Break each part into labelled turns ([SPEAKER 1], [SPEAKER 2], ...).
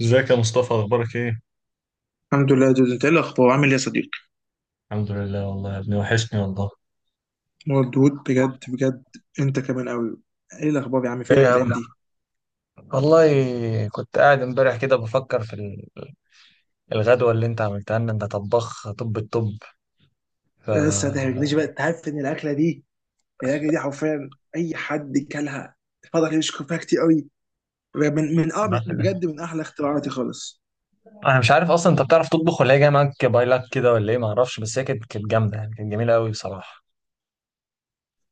[SPEAKER 1] ازيك يا مصطفى؟ اخبارك ايه؟
[SPEAKER 2] الحمد لله يا دود، انت ايه الاخبار؟ عامل ايه يا صديقي؟
[SPEAKER 1] الحمد لله والله يا ابني، وحشني والله.
[SPEAKER 2] مردود بجد بجد. انت كمان قوي. ايه الاخبار يا عم؟
[SPEAKER 1] ايه يا
[SPEAKER 2] فينك
[SPEAKER 1] عم؟
[SPEAKER 2] الايام دي؟
[SPEAKER 1] والله كنت قاعد امبارح كده بفكر في الغدوة اللي انت عملتها لنا. انت طباخ طب الطب. ف
[SPEAKER 2] بس ما تهرجنيش بقى، انت عارف ان الاكله دي حرفيا اي حد كلها فضل يشكر فيها كتير قوي. من بجد من احلى اختراعاتي خالص.
[SPEAKER 1] انا مش عارف اصلا انت بتعرف تطبخ ولا هي جايه معاك باي لاك كده ولا ايه؟ ما اعرفش، بس هي كانت جامده يعني، كانت جميله قوي بصراحه.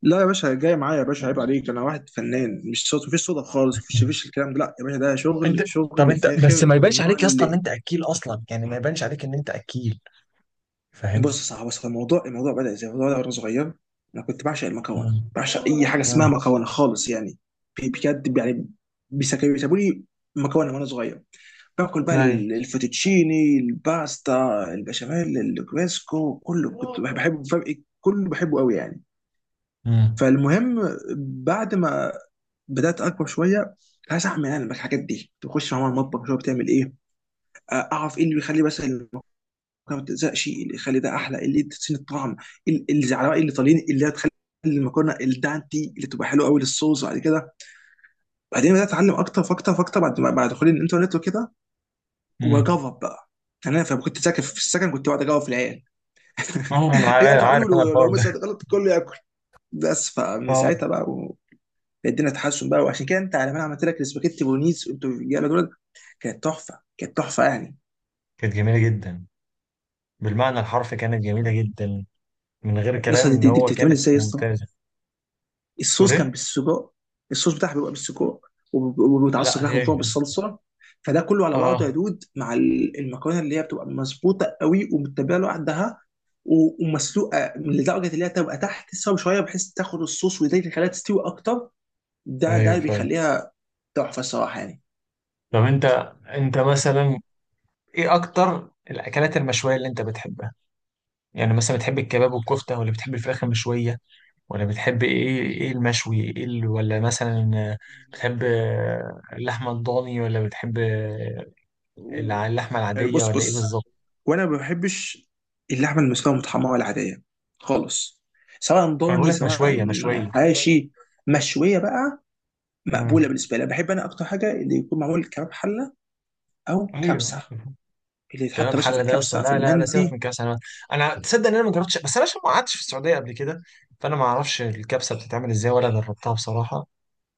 [SPEAKER 2] لا يا باشا، جاي معايا يا باشا، عيب عليك. انا واحد فنان مش صوت، مفيش صدف خالص، مفيش الكلام ده. لا يا باشا، ده شغل
[SPEAKER 1] انت طب
[SPEAKER 2] شغل
[SPEAKER 1] انت بس
[SPEAKER 2] فاخر
[SPEAKER 1] ما
[SPEAKER 2] من
[SPEAKER 1] يبانش
[SPEAKER 2] النوع.
[SPEAKER 1] عليك يا اسطى ان انت اكيل اصلا، يعني ما يبانش عليك ان انت اكيل، فاهم.
[SPEAKER 2] بص صح، بص، الموضوع بدأ ازاي؟ الموضوع ده وانا صغير، انا كنت بعشق المكرونه،
[SPEAKER 1] امم.
[SPEAKER 2] بعشق اي حاجه اسمها
[SPEAKER 1] امم.
[SPEAKER 2] مكرونه خالص يعني. بجد يعني. بيسابوا لي مكرونه وانا صغير. باكل بقى
[SPEAKER 1] ايوه.
[SPEAKER 2] الفوتوتشيني، الباستا، البشاميل، الكريسكو، كله كنت بحبه فرق، كله بحبه قوي يعني.
[SPEAKER 1] امم.
[SPEAKER 2] فالمهم، بعد ما بدات اكبر شويه، عايز اعمل انا الحاجات دي. تخش مع ماما المطبخ شويه، بتعمل ايه؟ اعرف ايه اللي بيخلي مثلا ما بتلزقش، اللي يخلي ده احلى، اللي تسين الطعم. الزعلوائي الايطاليين اللي هتخلي المكرونه الدانتي، اللي تبقى حلوه قوي للصوص بعد كده. بعدين بدات اتعلم اكتر فاكتر فاكتر بعد دخولي الانترنت وكده،
[SPEAKER 1] امم.
[SPEAKER 2] واجرب بقى. يعني انا فلما كنت ساكن في السكن، كنت بقعد اجرب في العيال.
[SPEAKER 1] اه، انا
[SPEAKER 2] اي
[SPEAKER 1] عارف
[SPEAKER 2] اكل اعمله،
[SPEAKER 1] عارف انا
[SPEAKER 2] لو
[SPEAKER 1] الحوار
[SPEAKER 2] مثلا
[SPEAKER 1] ده.
[SPEAKER 2] غلط، الكل ياكل. بس فمن
[SPEAKER 1] اه.
[SPEAKER 2] ساعتها بقى و... الدنيا تحسن بقى. وعشان كده انت، على ما انا عملت لك السباكيتي بولونيز، انتوا الرجاله دول، كانت تحفه تحفه يعني.
[SPEAKER 1] كانت جميلة جدا، بالمعنى الحرفي كانت جميلة جدا، من غير
[SPEAKER 2] يا
[SPEAKER 1] كلام
[SPEAKER 2] اسطى، دي,
[SPEAKER 1] ان
[SPEAKER 2] دي, دي
[SPEAKER 1] هو
[SPEAKER 2] بتتعمل
[SPEAKER 1] كانت
[SPEAKER 2] ازاي يا اسطى؟
[SPEAKER 1] ممتازة. تقول
[SPEAKER 2] الصوص كان
[SPEAKER 1] ايه؟
[SPEAKER 2] بالسجق، الصوص بتاعها بيبقى بالسجق، وبيتعصق
[SPEAKER 1] لا
[SPEAKER 2] لحمه
[SPEAKER 1] هي.
[SPEAKER 2] فوق بالصلصه. فده كله على
[SPEAKER 1] اه.
[SPEAKER 2] بعضه يا دود مع المكرونه، اللي هي بتبقى مظبوطه قوي ومتبله لوحدها، ومسلوقه لدرجه اللي هي تبقى تحت السوا شويه، بحيث تاخد الصوص، وده اللي يخليها تستوي اكتر. ده
[SPEAKER 1] ايوه
[SPEAKER 2] اللي
[SPEAKER 1] فعلا.
[SPEAKER 2] بيخليها تحفه الصراحه يعني.
[SPEAKER 1] طب انت، انت مثلا، ايه اكتر الاكلات المشوية اللي انت بتحبها؟ يعني مثلا بتحب الكباب والكفتة، ولا بتحب الفراخ المشوية، ولا بتحب ايه المشوي؟ ايه ولا مثلا بتحب اللحمة الضاني، ولا بتحب
[SPEAKER 2] أوه.
[SPEAKER 1] اللحمة
[SPEAKER 2] حلو،
[SPEAKER 1] العادية،
[SPEAKER 2] بص،
[SPEAKER 1] ولا ايه بالظبط؟
[SPEAKER 2] وانا ما بحبش اللحمه المسلوقه المتحمره العاديه خالص، سواء
[SPEAKER 1] انا بقول
[SPEAKER 2] ضاني
[SPEAKER 1] لك
[SPEAKER 2] سواء
[SPEAKER 1] مشوية مشوية.
[SPEAKER 2] حاشي. مشويه بقى مقبوله
[SPEAKER 1] امم.
[SPEAKER 2] بالنسبه لي. أنا بحب، انا اكتر حاجه اللي يكون معمول كباب حله او كبسه،
[SPEAKER 1] ايوه.
[SPEAKER 2] اللي يتحط
[SPEAKER 1] كلام
[SPEAKER 2] يا باشا في
[SPEAKER 1] حل ده يا اسطى.
[SPEAKER 2] الكبسه في
[SPEAKER 1] لا، لا، لا، سيبك
[SPEAKER 2] المندي.
[SPEAKER 1] من كاس على. انا تصدق ان انا ما جربتش، بس انا عشان ما قعدتش في السعوديه قبل كده، فانا ما اعرفش الكبسه بتتعمل ازاي ولا جربتها بصراحه.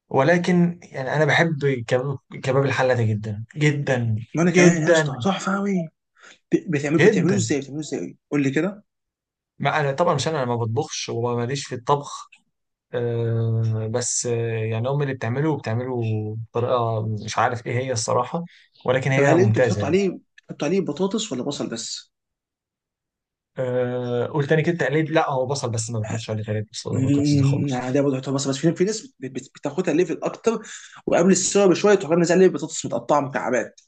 [SPEAKER 1] ولكن يعني انا بحب كباب الحله ده جدا جدا،
[SPEAKER 2] وانا كمان يا اسطى
[SPEAKER 1] جدا
[SPEAKER 2] تحفه قوي. بتعمل، بتعملوه
[SPEAKER 1] جدا.
[SPEAKER 2] ازاي بتعملوه ازاي قول لي كده؟
[SPEAKER 1] ما انا طبعا، مش انا ما بطبخش وماليش في الطبخ. أه بس آه، يعني امي اللي بتعمله وبتعمله بطريقه مش عارف ايه هي الصراحه، ولكن
[SPEAKER 2] طب
[SPEAKER 1] هي
[SPEAKER 2] هل انتوا
[SPEAKER 1] ممتازه
[SPEAKER 2] بتحطوا
[SPEAKER 1] يعني.
[SPEAKER 2] عليه، بتحطوا عليه بطاطس ولا بصل بس؟
[SPEAKER 1] أه، قول تاني كده تقليد. لا، هو بصل بس، ما بنحطش عليه تقليد بطاطس دي
[SPEAKER 2] امم،
[SPEAKER 1] خالص.
[SPEAKER 2] يعني ده برضه بتحطوا بصل بس، في ناس بتاخدها ليفل اكتر، وقبل السوا بشويه تروح منزل عليه بطاطس متقطعه مكعبات،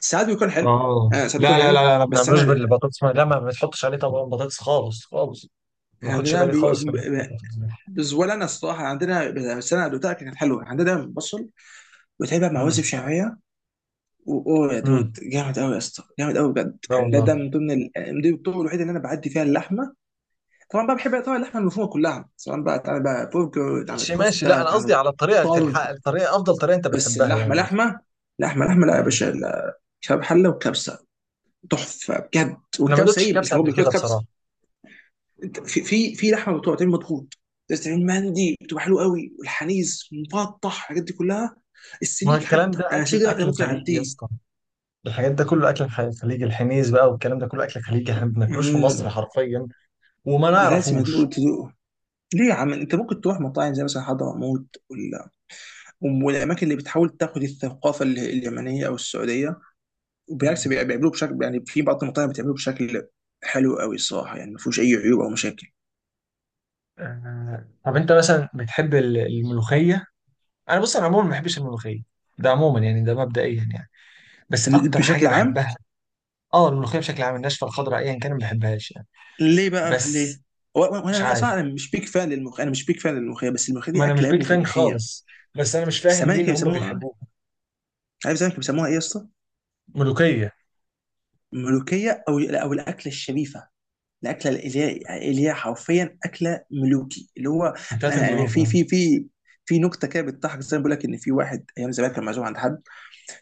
[SPEAKER 2] ساعات بيكون حلو. آه
[SPEAKER 1] اه،
[SPEAKER 2] ساعات بيكون
[SPEAKER 1] لا، لا، لا،
[SPEAKER 2] حلو،
[SPEAKER 1] لا، ما
[SPEAKER 2] بس
[SPEAKER 1] بنعملوش
[SPEAKER 2] انا
[SPEAKER 1] بالبطاطس، لا، ما بتحطش عليه طبعا بطاطس خالص خالص. ما
[SPEAKER 2] إحنا
[SPEAKER 1] باخدش
[SPEAKER 2] عندنا
[SPEAKER 1] بالي
[SPEAKER 2] بيو...
[SPEAKER 1] خالص من حته البطاطس دي.
[SPEAKER 2] ولا انا الصراحه عندنا، بس انا دوتها كانت حلوه عندنا دايما بصل وتابع مع وزب
[SPEAKER 1] امم.
[SPEAKER 2] شعبيه. واوه يا دود،
[SPEAKER 1] امم.
[SPEAKER 2] جامد قوي يا اسطى، جامد قوي بجد
[SPEAKER 1] لا
[SPEAKER 2] يعني. ده
[SPEAKER 1] والله.
[SPEAKER 2] ده من ضمن دي الطرق الوحيده اللي انا بعدي فيها اللحمه. طبعا بقى بحب طبعا اللحمه المفرومه كلها، سواء بقى تعمل بقى برجر، تعمل
[SPEAKER 1] ماشي ماشي، لا
[SPEAKER 2] كفته،
[SPEAKER 1] انا قصدي
[SPEAKER 2] تعمل
[SPEAKER 1] على الطريقه اللي
[SPEAKER 2] طرب.
[SPEAKER 1] تلحق، الطريقه افضل طريقه انت
[SPEAKER 2] بس
[SPEAKER 1] بتحبها
[SPEAKER 2] اللحمه
[SPEAKER 1] يعني بس.
[SPEAKER 2] لحمه، لحمه لا يا
[SPEAKER 1] امم.
[SPEAKER 2] باشا لا. كباب حله وكبسه تحفه بجد.
[SPEAKER 1] انا ما
[SPEAKER 2] والكبسه
[SPEAKER 1] دوتش
[SPEAKER 2] ايه؟ مش
[SPEAKER 1] الكبسه
[SPEAKER 2] هو
[SPEAKER 1] قبل كده
[SPEAKER 2] بالكبسه كبسه.
[SPEAKER 1] بصراحه.
[SPEAKER 2] انت في لحمه بتبقى بتعمل مضغوط، بتعمل مندي، بتبقى حلوه قوي، والحنيذ، مفتح، الحاجات دي كلها.
[SPEAKER 1] ما هو
[SPEAKER 2] السليك
[SPEAKER 1] الكلام
[SPEAKER 2] حتى
[SPEAKER 1] ده
[SPEAKER 2] انا
[SPEAKER 1] اكل
[SPEAKER 2] سيجا، انا
[SPEAKER 1] اكل
[SPEAKER 2] ممكن
[SPEAKER 1] خليجي يا
[SPEAKER 2] اعديه.
[SPEAKER 1] اسطى، الحاجات ده كله اكل خليجي، الحنيز بقى والكلام ده كله اكل خليجي، احنا ما بناكلوش في مصر حرفيا وما
[SPEAKER 2] لازم تدوق
[SPEAKER 1] نعرفوش.
[SPEAKER 2] تدوق ليه يا عم؟ انت ممكن تروح مطاعم زي مثلا حضرموت، ولا والاماكن اللي بتحاول تاخد الثقافه اليمنيه او السعوديه، وبالعكس
[SPEAKER 1] مم.
[SPEAKER 2] بيعملوه بشكل يعني. في بعض المطاعم بتعمله بشكل حلو قوي الصراحه يعني، ما فيهوش اي عيوب او مشاكل.
[SPEAKER 1] آه، طب انت مثلا بتحب الملوخيه؟ انا بص، انا عموما ما بحبش الملوخيه، ده عموما يعني، ده مبدئيا يعني، بس اكتر حاجه
[SPEAKER 2] بشكل عام.
[SPEAKER 1] بحبها. اه، الملوخيه بشكل عام، الناشفه الخضراء ايا كان ما بحبهاش يعني،
[SPEAKER 2] ليه بقى؟ ليه؟
[SPEAKER 1] بس.
[SPEAKER 2] و- و- وانا،
[SPEAKER 1] مش عارف،
[SPEAKER 2] صراحه انا مش بيك فان للملوخيه، انا مش بيك فان للملوخيه، بس الملوخيه
[SPEAKER 1] ما
[SPEAKER 2] دي
[SPEAKER 1] انا مش
[SPEAKER 2] اكله يا
[SPEAKER 1] بيك
[SPEAKER 2] ابني
[SPEAKER 1] فان
[SPEAKER 2] تاريخيه.
[SPEAKER 1] خالص، بس انا مش فاهم
[SPEAKER 2] زمان
[SPEAKER 1] ليه
[SPEAKER 2] كانوا
[SPEAKER 1] ان هم
[SPEAKER 2] بيسموها،
[SPEAKER 1] بيحبوها.
[SPEAKER 2] عارف زمان كانوا بيسموها ايه يا اسطى؟
[SPEAKER 1] ملوخيه.
[SPEAKER 2] ملوكيه، او الاكله الشريفه، الاكله اللي هي اللي هي حرفيا اكله ملوكي اللي هو.
[SPEAKER 1] بتاعت
[SPEAKER 2] أنا
[SPEAKER 1] الملوك
[SPEAKER 2] في
[SPEAKER 1] اه.
[SPEAKER 2] في في في نكته كده بتضحك، زي ما بقول لك، ان في واحد ايام زمان كان معزوم عند حد،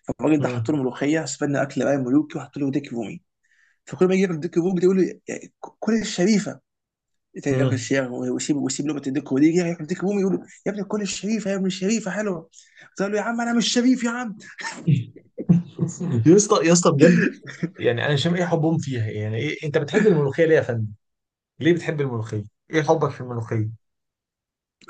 [SPEAKER 2] فالراجل ده حط له
[SPEAKER 1] مم.
[SPEAKER 2] ملوخيه، استنى اكل بقى ملوكي، وحط له ديك رومي. فكل ما يجي ياكل ديك رومي ده يقول له يا- كل الشريفه. تاني ياكل
[SPEAKER 1] مم.
[SPEAKER 2] شيخ ويسيب لقمه الديك، ودي يجي ياكل ديك رومي يقول له يا ابني كل الشريفه، يا ابني الشريفه حلوه. قلت له يا عم انا مش شريف يا عم.
[SPEAKER 1] يا اسطى يا اسطى بجد، يعني انا مش فاهم ايه حبهم فيها، يعني ايه انت بتحب الملوخيه ليه يا فندم؟ ليه بتحب الملوخيه؟ ايه حبك في الملوخيه؟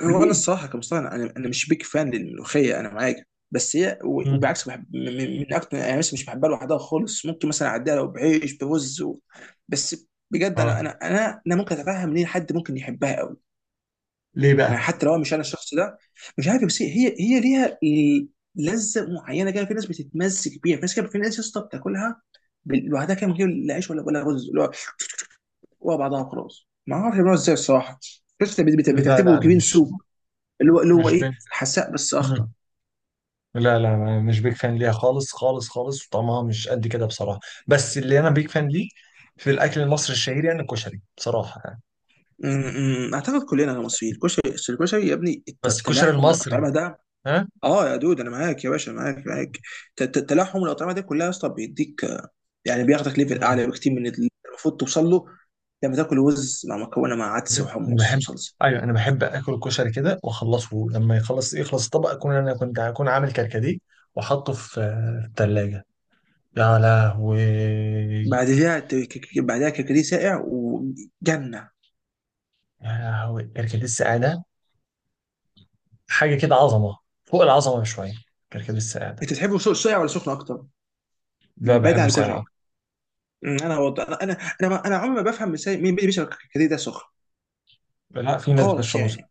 [SPEAKER 2] هو انا
[SPEAKER 1] ليه؟
[SPEAKER 2] الصراحه كمصطفى، انا مش بيك فان للملوخيه، انا معاك. بس هي
[SPEAKER 1] مم.
[SPEAKER 2] وبالعكس بحب من اكتر يعني. مثلا مش بحبها لوحدها خالص، ممكن مثلا اعديها لو بعيش برز و... بس بجد انا
[SPEAKER 1] اه،
[SPEAKER 2] انا انا انا ممكن اتفهم ليه حد ممكن يحبها قوي،
[SPEAKER 1] ليه
[SPEAKER 2] ما
[SPEAKER 1] بقى؟
[SPEAKER 2] حتى لو مش انا الشخص ده. مش عارف، بس هي ليها لذه معينه كده. في ناس بتتمسك بيها، في ناس كده، في ناس يا اسطى بتاكلها لوحدها كده، من غير لا عيش ولا رز، اللي هو هو بعضها خلاص. ما اعرفش بيعملوها ازاي الصراحه، بس
[SPEAKER 1] لا، لا،
[SPEAKER 2] بتعتبره
[SPEAKER 1] انا
[SPEAKER 2] جرين
[SPEAKER 1] مش
[SPEAKER 2] سوب، اللي هو اللي هو
[SPEAKER 1] مش
[SPEAKER 2] ايه،
[SPEAKER 1] بنت.
[SPEAKER 2] حساء بس اخضر.
[SPEAKER 1] لا، لا، أنا مش بيك فان ليها خالص خالص خالص، وطعمها مش قد كده بصراحة. بس اللي أنا بيك فان ليه في الأكل المصري الشهير يعني الكشري بصراحة يعني.
[SPEAKER 2] اعتقد كلنا كمصريين الكشري، أصل الكشري يا ابني
[SPEAKER 1] بس الكشري
[SPEAKER 2] تلاحم
[SPEAKER 1] المصري.
[SPEAKER 2] الاطعمه ده.
[SPEAKER 1] ها.
[SPEAKER 2] اه يا دود انا معاك يا باشا، معاك معاك. تلاحم الاطعمه ده كلها يا اسطى بيديك آه، يعني بياخدك ليفل
[SPEAKER 1] مم.
[SPEAKER 2] اعلى بكتير من اللي المفروض توصل له، لما تاكل رز مع مكونه مع عدس
[SPEAKER 1] أنا
[SPEAKER 2] وحمص
[SPEAKER 1] بحب
[SPEAKER 2] وصلصه.
[SPEAKER 1] أيوه، أنا بحب آكل الكشري كده وأخلصه لما يخلص، يخلص الطبق، أكون أنا كنت أكون عامل كركديه وأحطه في التلاجة. يا لهوي.
[SPEAKER 2] بعد كده بعدها كركديه ساقع وجنه.
[SPEAKER 1] يا لهوي، كركديه السعادة، حاجة كده عظمة، فوق العظمة بشوية، كركديه السعادة.
[SPEAKER 2] انت تحب السوق ساقع ولا سخن اكتر؟
[SPEAKER 1] لا،
[SPEAKER 2] بعيد
[SPEAKER 1] بحبه
[SPEAKER 2] عن
[SPEAKER 1] ساقع.
[SPEAKER 2] الكشري. م، انا وض... انا انا انا, ما- أنا عمري ما بفهم ازاي مين بيشرب الكركديه ده سخن
[SPEAKER 1] لا، في ناس
[SPEAKER 2] خالص
[SPEAKER 1] بتشربه.
[SPEAKER 2] يعني.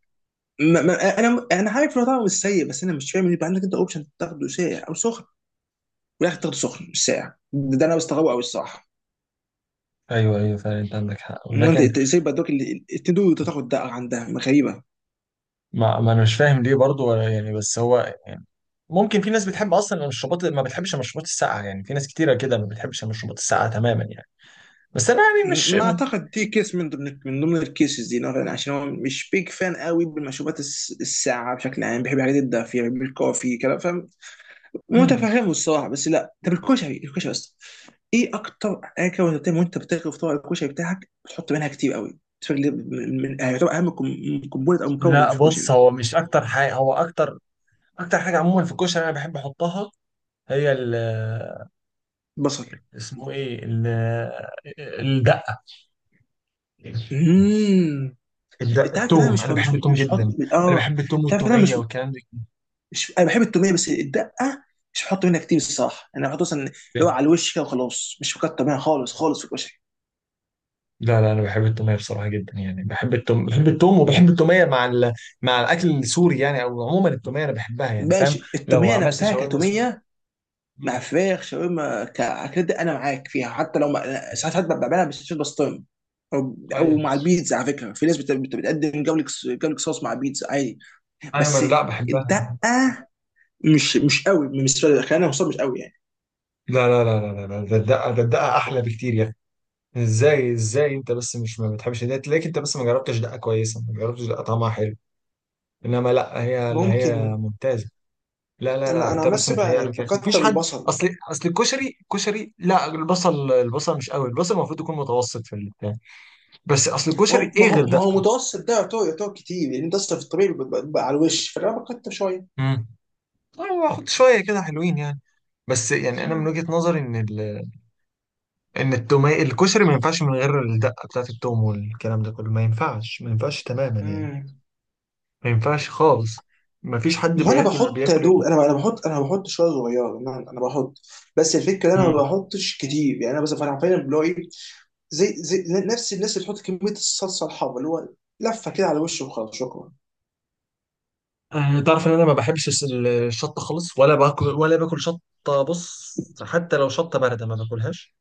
[SPEAKER 2] ما انا عارف انه طعمه مش سيء، بس انا مش فاهم ان يبقى عندك انت اوبشن تاخده ساقع او سخن، ولا تاخده سخن مش ساقع. ده انا بستغربه قوي الصراحه.
[SPEAKER 1] ايوه، ايوه، فعلا انت عندك حق،
[SPEAKER 2] إن انت،
[SPEAKER 1] ولكن،
[SPEAKER 2] إنت ازاي بدوك التندور تاخد ده؟ عندها غريبه.
[SPEAKER 1] ما انا مش فاهم ليه برضو ولا يعني، بس هو يعني، ممكن في ناس بتحب اصلا المشروبات، ما بتحبش المشروبات الساقعه يعني، في ناس كتيره كده ما بتحبش المشروبات الساقعه تماما يعني، بس انا يعني مش
[SPEAKER 2] ما
[SPEAKER 1] م...
[SPEAKER 2] اعتقد دي كيس من ضمن من ضمن الكيسز دي نوعاً ما، عشان هو مش بيج فان قوي بالمشروبات الساقعه بشكل عام، بيحب الحاجات الدافيه، بيحب الكوفي كده.
[SPEAKER 1] مم.
[SPEAKER 2] متفهمه الصراحه. بس لا، طب الكشري، الكشري بس، ايه اكتر حاجه وانت بتعمل وانت بتغرف في طبق الكشري بتاعك بتحط منها كتير قوي؟ بالنسبة لي، من آه، يعتبر اهم كومبوننت او مكون
[SPEAKER 1] لا
[SPEAKER 2] في
[SPEAKER 1] بص،
[SPEAKER 2] الكشري،
[SPEAKER 1] هو مش اكتر حاجه، هو اكتر، اكتر حاجه عموما في الكشري انا بحب احطها، هي
[SPEAKER 2] بصل.
[SPEAKER 1] اسمه ايه الدقه
[SPEAKER 2] امم،
[SPEAKER 1] الدقه
[SPEAKER 2] انت عارف إن انا
[SPEAKER 1] التوم،
[SPEAKER 2] مش
[SPEAKER 1] انا
[SPEAKER 2] مش
[SPEAKER 1] بحب التوم
[SPEAKER 2] مش بحط،
[SPEAKER 1] جدا. انا
[SPEAKER 2] اه.
[SPEAKER 1] بحب التوم
[SPEAKER 2] انت عارف إن انا
[SPEAKER 1] والتوميه
[SPEAKER 2] مش
[SPEAKER 1] والكلام
[SPEAKER 2] مش انا بحب التوميه، بس الدقه مش بحط منها كتير الصراحه. انا بحط مثلا اللي
[SPEAKER 1] ده.
[SPEAKER 2] هو على الوش كده وخلاص، مش بكتر منها خالص خالص في الكشري.
[SPEAKER 1] لا، لا، انا بحب التوميه بصراحه جدا يعني، بحب التوم، بحب التوم وبحب التوميه مع مع الاكل السوري يعني، او عموما التوميه انا بحبها يعني، فاهم.
[SPEAKER 2] ماشي،
[SPEAKER 1] لو
[SPEAKER 2] التوميه
[SPEAKER 1] عملت
[SPEAKER 2] نفسها
[SPEAKER 1] شاورما سوري.
[SPEAKER 2] كتوميه
[SPEAKER 1] مم.
[SPEAKER 2] مع فراخ شاورما كأكلات دي أنا معاك فيها، حتى لو ما... أنا ساعات حتى بعملها بالصوص بسطرمة، أو
[SPEAKER 1] ايوه،
[SPEAKER 2] مع البيتزا. على فكرة في ناس بت... بتقدم جولك صوص مع بيتزا عادي.
[SPEAKER 1] ايوه، ما
[SPEAKER 2] بس
[SPEAKER 1] انا لا بحبها.
[SPEAKER 2] الدقة مش، مش قوي بالنسبة لي، خلينا نوصل، مش قوي يعني.
[SPEAKER 1] لا، لا، لا، لا، لا، لا، ده الدقه احلى بكتير يا اخي. ازاي، ازاي انت بس مش ما بتحبش ده؟ تلاقيك انت بس ما جربتش دقه كويسه، ما جربتش دقه طعمها حلو. انما لا، هي اللي هي
[SPEAKER 2] ممكن
[SPEAKER 1] ممتازه. لا، لا، لا،
[SPEAKER 2] انا، انا
[SPEAKER 1] انت
[SPEAKER 2] عن
[SPEAKER 1] بس
[SPEAKER 2] نفسي بقى
[SPEAKER 1] متهيأ
[SPEAKER 2] يعني
[SPEAKER 1] لك يا اخي، مفيش
[SPEAKER 2] بكتر
[SPEAKER 1] حد.
[SPEAKER 2] البصل.
[SPEAKER 1] اصل الكشري، لا، البصل مش قوي، البصل المفروض يكون متوسط في البتاع، بس اصل
[SPEAKER 2] ما
[SPEAKER 1] الكشري
[SPEAKER 2] هو، ما
[SPEAKER 1] ايه
[SPEAKER 2] هو
[SPEAKER 1] غير
[SPEAKER 2] ما
[SPEAKER 1] ده؟
[SPEAKER 2] هو متوسط ده يعتبر، كتير، لأن أنت أصلا في الطبيعي بيبقى على الوش، فأنا بكتر شوية.
[SPEAKER 1] مم. هو واخد شويه كده حلوين يعني. بس يعني انا من
[SPEAKER 2] مم.
[SPEAKER 1] وجهة نظري ان ان التوميه، الكشري ما ينفعش من غير الدقه بتاعت التوم والكلام ده كله، ما ينفعش، ما ينفعش تماما يعني،
[SPEAKER 2] امم،
[SPEAKER 1] ما ينفعش خالص، ما فيش حد
[SPEAKER 2] وانا
[SPEAKER 1] بياكل
[SPEAKER 2] بحط يا
[SPEAKER 1] بياكل
[SPEAKER 2] دوب،
[SPEAKER 1] .
[SPEAKER 2] انا بحط، انا بحط شويه صغيره، انا بحط. بس الفكره انا
[SPEAKER 1] مم.
[SPEAKER 2] ما بحطش كتير يعني، انا بس انا فعلا بلاقي زي نفس الناس اللي بتحط كميه الصلصه الحمراء، اللي هو لفه كده على وشه وخلاص، شكرا.
[SPEAKER 1] آه، تعرف ان انا ما بحبش الشطه خالص، ولا باكل شطه، بص، حتى لو شطه بارده ما باكلهاش.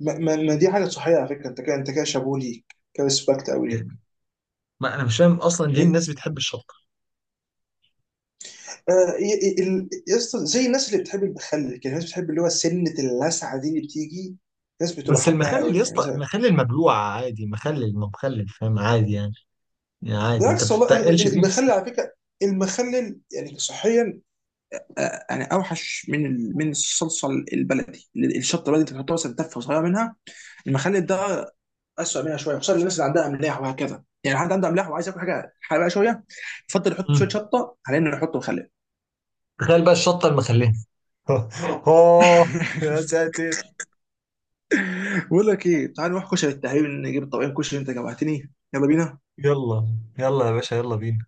[SPEAKER 2] ما دي حاجه صحيه على فكره، انت كده، انت كده شابوه ليك، كريسبكت قوي ليك.
[SPEAKER 1] يعني ما انا مش فاهم اصلا ليه
[SPEAKER 2] ل-
[SPEAKER 1] الناس بتحب الشطه.
[SPEAKER 2] يا اسطى، زي الناس اللي بتحب المخلل كده، الناس بتحب اللي هو سنه اللسعه دي اللي بتيجي، الناس بتبقى
[SPEAKER 1] بس
[SPEAKER 2] حباها
[SPEAKER 1] المخلل
[SPEAKER 2] قوي
[SPEAKER 1] يا
[SPEAKER 2] يعني
[SPEAKER 1] اسطى،
[SPEAKER 2] مثلا.
[SPEAKER 1] المخلل مبلوع عادي، مخلل ما مخلل، فاهم، عادي يعني، يعني عادي انت
[SPEAKER 2] بالعكس والله،
[SPEAKER 1] بتتقلش فيه بس.
[SPEAKER 2] المخلل على فكره، المخلل يعني صحيا آه، يعني اوحش من من الصلصه البلدي. الشطه البلدي انت بتحطها مثلا تفه صغيره منها، المخلل ده اسوء منها شويه، خصوصا الناس اللي عندها املاح وهكذا. يعني حد عنده املاح وعايز ياكل حاجه حراقه شويه، يفضل يحط شويه
[SPEAKER 1] مم.
[SPEAKER 2] شطه على انه يحط مخلل.
[SPEAKER 1] تخيل بقى الشطة المخلية. اوه، يا ساتر.
[SPEAKER 2] بقول لك ايه، تعال نروح كشري التهريب، نجيب الطبقين كشري، انت جوعتني، يلا بينا.
[SPEAKER 1] يلا يلا يا باشا، يلا بينا.